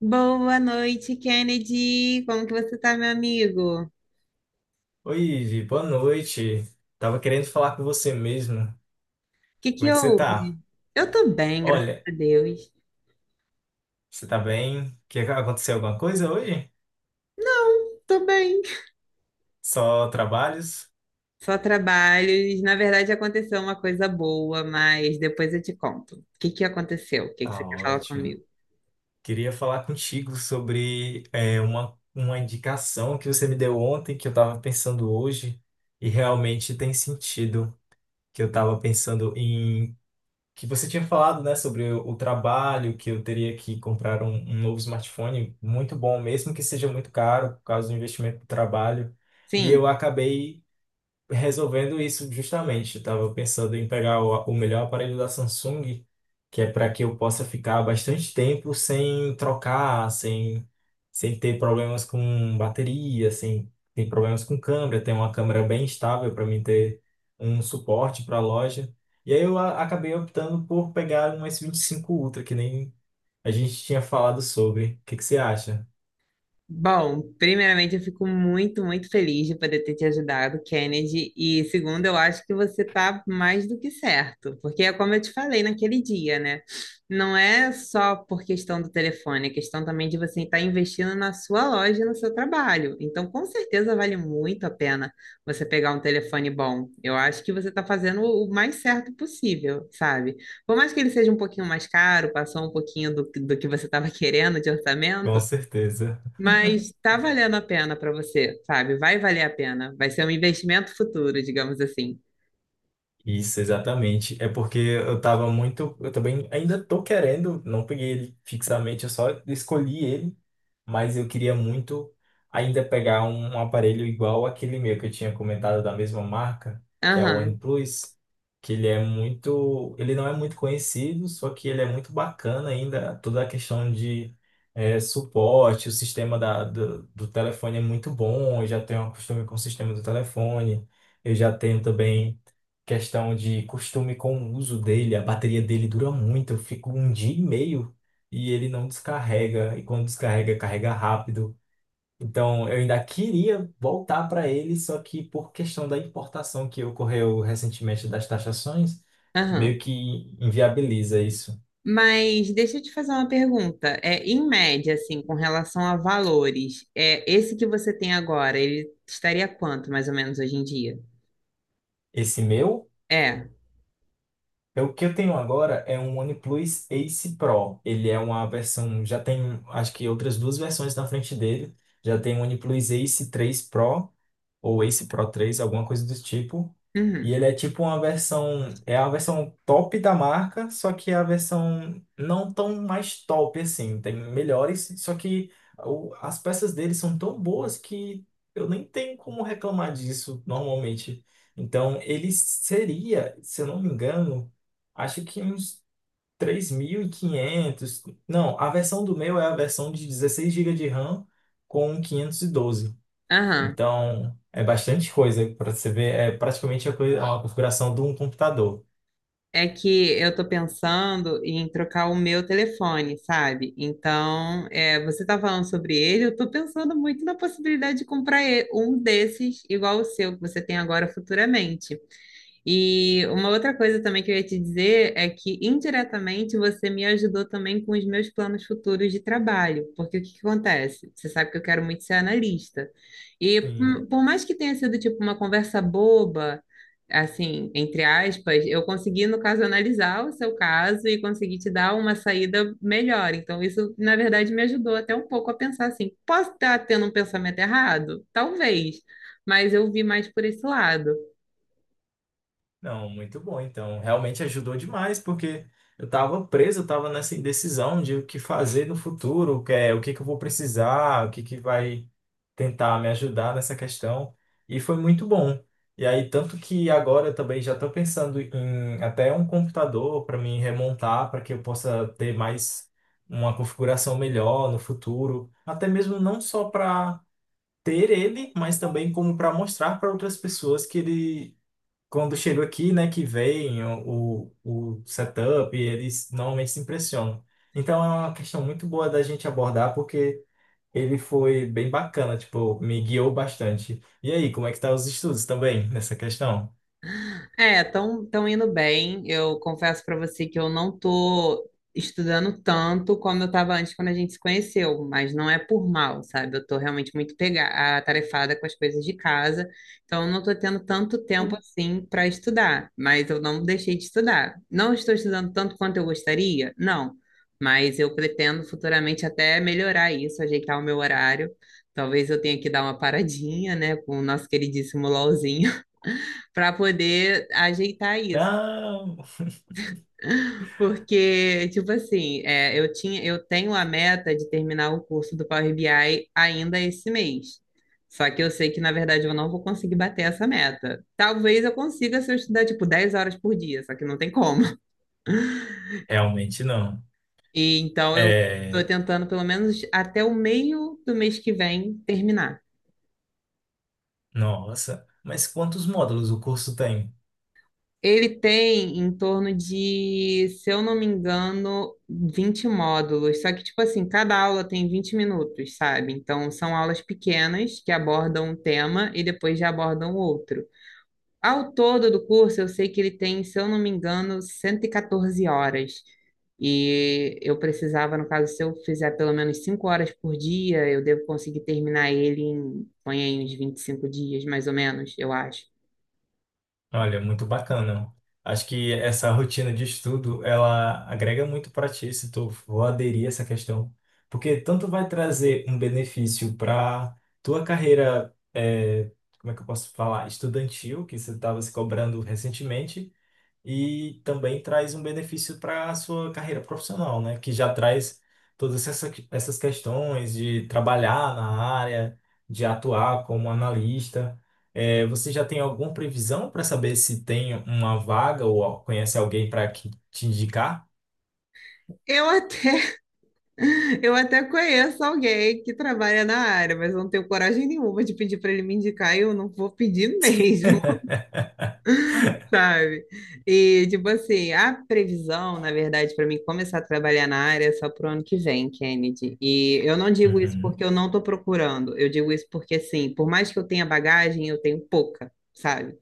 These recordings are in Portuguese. Boa noite, Kennedy. Como que você tá, meu amigo? O Oi, Ivi, boa noite. Tava querendo falar com você mesmo. que Como que é que você tá? houve? Eu tô bem, graças Olha, a Deus. você tá bem? Que aconteceu alguma coisa hoje? Não, tô bem. Só trabalhos? Só trabalhos. Na verdade, aconteceu uma coisa boa, mas depois eu te conto. O que que aconteceu? O que que você Tá quer falar ótimo. comigo? Queria falar contigo sobre uma indicação que você me deu ontem, que eu tava pensando hoje, e realmente tem sentido. Que eu tava pensando em que você tinha falado, né, sobre o trabalho, que eu teria que comprar um novo smartphone muito bom, mesmo que seja muito caro, por causa do investimento do trabalho. E Sim. eu acabei resolvendo isso justamente. Eu estava pensando em pegar o melhor aparelho da Samsung, que é para que eu possa ficar bastante tempo sem trocar, sem ter problemas com bateria, sem ter problemas com câmera, ter uma câmera bem estável para mim ter um suporte para a loja. E aí acabei optando por pegar um S25 Ultra, que nem a gente tinha falado sobre. O que que você acha? Bom, primeiramente eu fico muito, muito feliz de poder ter te ajudado, Kennedy. E segundo, eu acho que você tá mais do que certo, porque é como eu te falei naquele dia, né? Não é só por questão do telefone, é questão também de você estar investindo na sua loja, e no seu trabalho. Então, com certeza vale muito a pena você pegar um telefone bom. Eu acho que você está fazendo o mais certo possível, sabe? Por mais que ele seja um pouquinho mais caro, passou um pouquinho do que você estava querendo de Com orçamento. certeza. Mas tá valendo a pena para você, sabe? Vai valer a pena. Vai ser um investimento futuro, digamos assim. Isso, exatamente. É porque eu tava muito. Eu também ainda tô querendo, não peguei ele fixamente, eu só escolhi ele, mas eu queria muito ainda pegar um aparelho igual aquele meu que eu tinha comentado da mesma marca, que é o Aham, OnePlus, que ele é muito, ele não é muito conhecido, só que ele é muito bacana ainda, toda a questão de suporte, o sistema do telefone é muito bom, eu já tenho um costume com o sistema do telefone, eu já tenho também questão de costume com o uso dele, a bateria dele dura muito, eu fico um dia e meio e ele não descarrega, e quando descarrega, carrega rápido. Então, eu ainda queria voltar para ele, só que por questão da importação que ocorreu recentemente das taxações, aham. meio que inviabiliza isso. Mas deixa eu te fazer uma pergunta. É, em média, assim, com relação a valores, é esse que você tem agora, ele estaria quanto, mais ou menos, hoje em dia? Esse meu, É. é o que eu tenho agora é um OnePlus Ace Pro. Ele é uma versão, já tem, acho que outras duas versões na frente dele. Já tem o OnePlus Ace 3 Pro ou Ace Pro 3, alguma coisa do tipo. E Uhum. ele é tipo uma versão, é a versão top da marca, só que é a versão não tão mais top assim, tem melhores, só que as peças dele são tão boas que eu nem tenho como reclamar disso normalmente. Então ele seria, se eu não me engano, acho que uns 3.500. Não, a versão do meu é a versão de 16 gigas de RAM com 512, Aham. então, é bastante coisa para você ver. É praticamente a, coisa, a configuração de um computador. É que eu tô pensando em trocar o meu telefone, sabe? Então, é, você tá falando sobre ele, eu tô pensando muito na possibilidade de comprar um desses igual o seu que você tem agora futuramente. E uma outra coisa também que eu ia te dizer é que indiretamente você me ajudou também com os meus planos futuros de trabalho, porque o que que acontece? Você sabe que eu quero muito ser analista. E Sim. hum, por mais que tenha sido tipo uma conversa boba, assim, entre aspas, eu consegui, no caso, analisar o seu caso e consegui te dar uma saída melhor. Então, isso, na verdade, me ajudou até um pouco a pensar assim, posso estar tendo um pensamento errado? Talvez, mas eu vi mais por esse lado. Não, muito bom. Então, realmente ajudou demais, porque eu estava preso, eu estava nessa indecisão de o que fazer no futuro, o que é, o que que eu vou precisar, o que que vai tentar me ajudar nessa questão. E foi muito bom. E aí, tanto que agora eu também já estou pensando em até um computador para me remontar, para que eu possa ter mais uma configuração melhor no futuro. Até mesmo não só para ter ele, mas também como para mostrar para outras pessoas que ele, quando chega aqui, né, que vem o setup, eles normalmente se impressionam. Então é uma questão muito boa da gente abordar, porque ele foi bem bacana, tipo, me guiou bastante. E aí, como é que tá os estudos também nessa questão? É, tão indo bem. Eu confesso para você que eu não tô estudando tanto como eu estava antes quando a gente se conheceu, mas não é por mal, sabe? Eu tô realmente muito atarefada com as coisas de casa, então eu não tô tendo tanto tempo assim para estudar, mas eu não deixei de estudar. Não estou estudando tanto quanto eu gostaria? Não, mas eu pretendo futuramente até melhorar isso, ajeitar o meu horário. Talvez eu tenha que dar uma paradinha, né, com o nosso queridíssimo LOLzinho para poder ajeitar isso. Não, Porque, tipo assim, é, eu tinha, eu tenho a meta de terminar o curso do Power BI ainda esse mês. Só que eu sei que, na verdade, eu não vou conseguir bater essa meta. Talvez eu consiga se eu estudar, tipo, 10 horas por dia, só que não tem como. realmente não. E, então, eu estou É, tentando, pelo menos, até o meio do mês que vem terminar. nossa, mas quantos módulos o curso tem? Ele tem em torno de, se eu não me engano, 20 módulos. Só que, tipo assim, cada aula tem 20 minutos, sabe? Então, são aulas pequenas que abordam um tema e depois já abordam outro. Ao todo do curso, eu sei que ele tem, se eu não me engano, 114 horas. E eu precisava, no caso, se eu fizer pelo menos 5 horas por dia, eu devo conseguir terminar ele em, põe aí, uns 25 dias, mais ou menos, eu acho. Olha, muito bacana. Acho que essa rotina de estudo, ela agrega muito para ti, se tu for aderir a essa questão, porque tanto vai trazer um benefício para tua carreira, como é que eu posso falar, estudantil, que você estava se cobrando recentemente, e também traz um benefício para a sua carreira profissional, né? Que já traz todas essas questões de trabalhar na área, de atuar como analista. É, você já tem alguma previsão para saber se tem uma vaga ou conhece alguém para que te indicar? Eu até Eu até conheço alguém que trabalha na área, mas eu não tenho coragem nenhuma de pedir para ele me indicar e eu não vou pedir mesmo, sabe? E, tipo assim, a previsão, na verdade, para mim começar a trabalhar na área é só pro ano que vem, Kennedy. E eu não digo isso Uhum, porque eu não tô procurando, eu digo isso porque, assim, por mais que eu tenha bagagem, eu tenho pouca, sabe?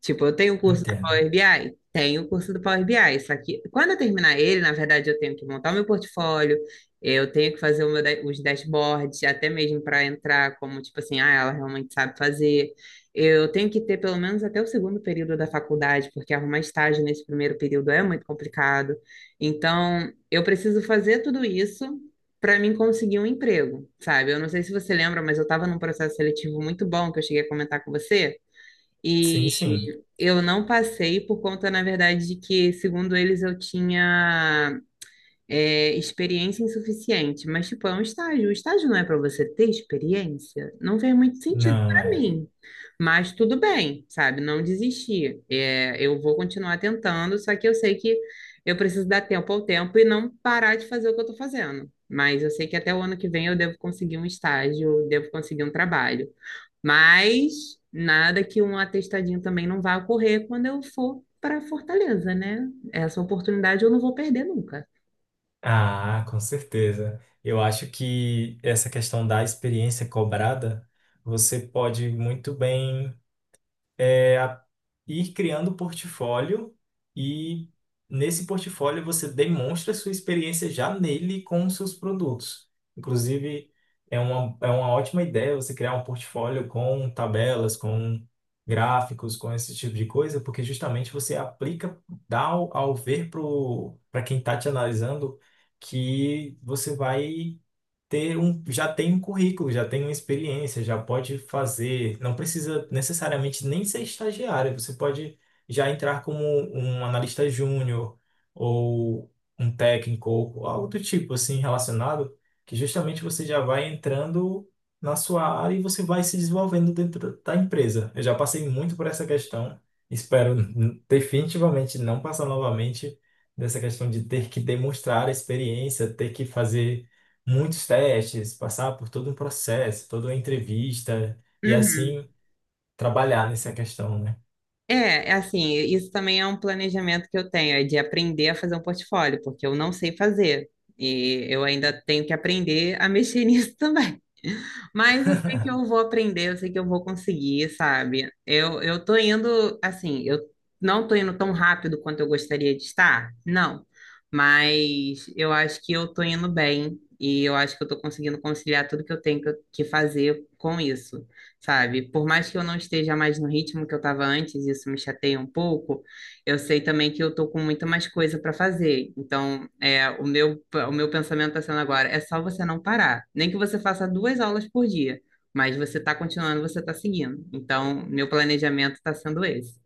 Tipo, eu tenho o curso do entendo. Power BI? Tenho o curso do Power BI, só que quando eu terminar ele, na verdade, eu tenho que montar o meu portfólio, eu tenho que fazer o meu os dashboards, até mesmo para entrar como, tipo assim, ah, ela realmente sabe fazer. Eu tenho que ter pelo menos até o segundo período da faculdade, porque arrumar estágio nesse primeiro período é muito complicado. Então, eu preciso fazer tudo isso para mim conseguir um emprego, sabe? Eu não sei se você lembra, mas eu estava num processo seletivo muito bom que eu cheguei a comentar com você. Sim, E sim. eu não passei por conta, na verdade, de que, segundo eles, eu tinha é, experiência insuficiente, mas tipo, é um estágio. O estágio não é para você ter experiência, não fez muito sentido Não para é. mim. Mas tudo bem, sabe? Não desisti. É, eu vou continuar tentando, só que eu sei que eu preciso dar tempo ao tempo e não parar de fazer o que eu estou fazendo. Mas eu sei que até o ano que vem eu devo conseguir um estágio, devo conseguir um trabalho. Mas nada que um atestadinho também não vá ocorrer quando eu for para Fortaleza, né? Essa oportunidade eu não vou perder nunca. Ah, com certeza. Eu acho que essa questão da experiência cobrada, você pode muito bem é a- ir criando portfólio, e nesse portfólio você demonstra a sua experiência já nele com os seus produtos. Inclusive, é uma ótima ideia você criar um portfólio com tabelas, com gráficos, com esse tipo de coisa, porque justamente você aplica, dá ao ver para quem está te analisando que você vai já tem um currículo, já tem uma experiência, já pode fazer, não precisa necessariamente nem ser estagiário, você pode já entrar como um analista júnior ou um técnico ou algo do tipo assim relacionado, que justamente você já vai entrando na sua área e você vai se desenvolvendo dentro da empresa. Eu já passei muito por essa questão, espero definitivamente não passar novamente dessa questão de ter que demonstrar a experiência, ter que fazer muitos testes, passar por todo um processo, toda uma entrevista e Uhum. assim trabalhar nessa questão, né? É, é assim, isso também é um planejamento que eu tenho, é de aprender a fazer um portfólio, porque eu não sei fazer. E eu ainda tenho que aprender a mexer nisso também. Mas eu sei que eu vou aprender, eu sei que eu vou conseguir, sabe? Eu tô indo, assim, eu não tô indo tão rápido quanto eu gostaria de estar, não. Mas eu acho que eu tô indo bem e eu acho que eu tô conseguindo conciliar tudo que eu tenho que fazer com isso, sabe? Por mais que eu não esteja mais no ritmo que eu tava antes, isso me chateia um pouco, eu sei também que eu tô com muita mais coisa para fazer. Então, é, o meu pensamento tá sendo agora, é só você não parar. Nem que você faça duas aulas por dia, mas você tá continuando, você tá seguindo. Então, meu planejamento tá sendo esse.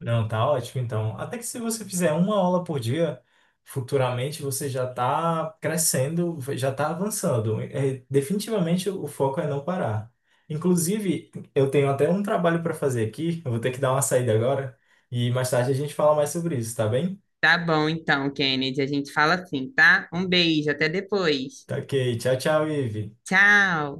Não, tá ótimo, então. Até que se você fizer uma aula por dia, futuramente você já está crescendo, já está avançando. É, definitivamente o foco é não parar. Inclusive, eu tenho até um trabalho para fazer aqui, eu vou ter que dar uma saída agora, e mais tarde a gente fala mais sobre isso, tá bem? Tá bom, então, Kennedy, a gente fala assim, tá? Um beijo, até depois. Tá ok, tchau, tchau, Ive. Tchau!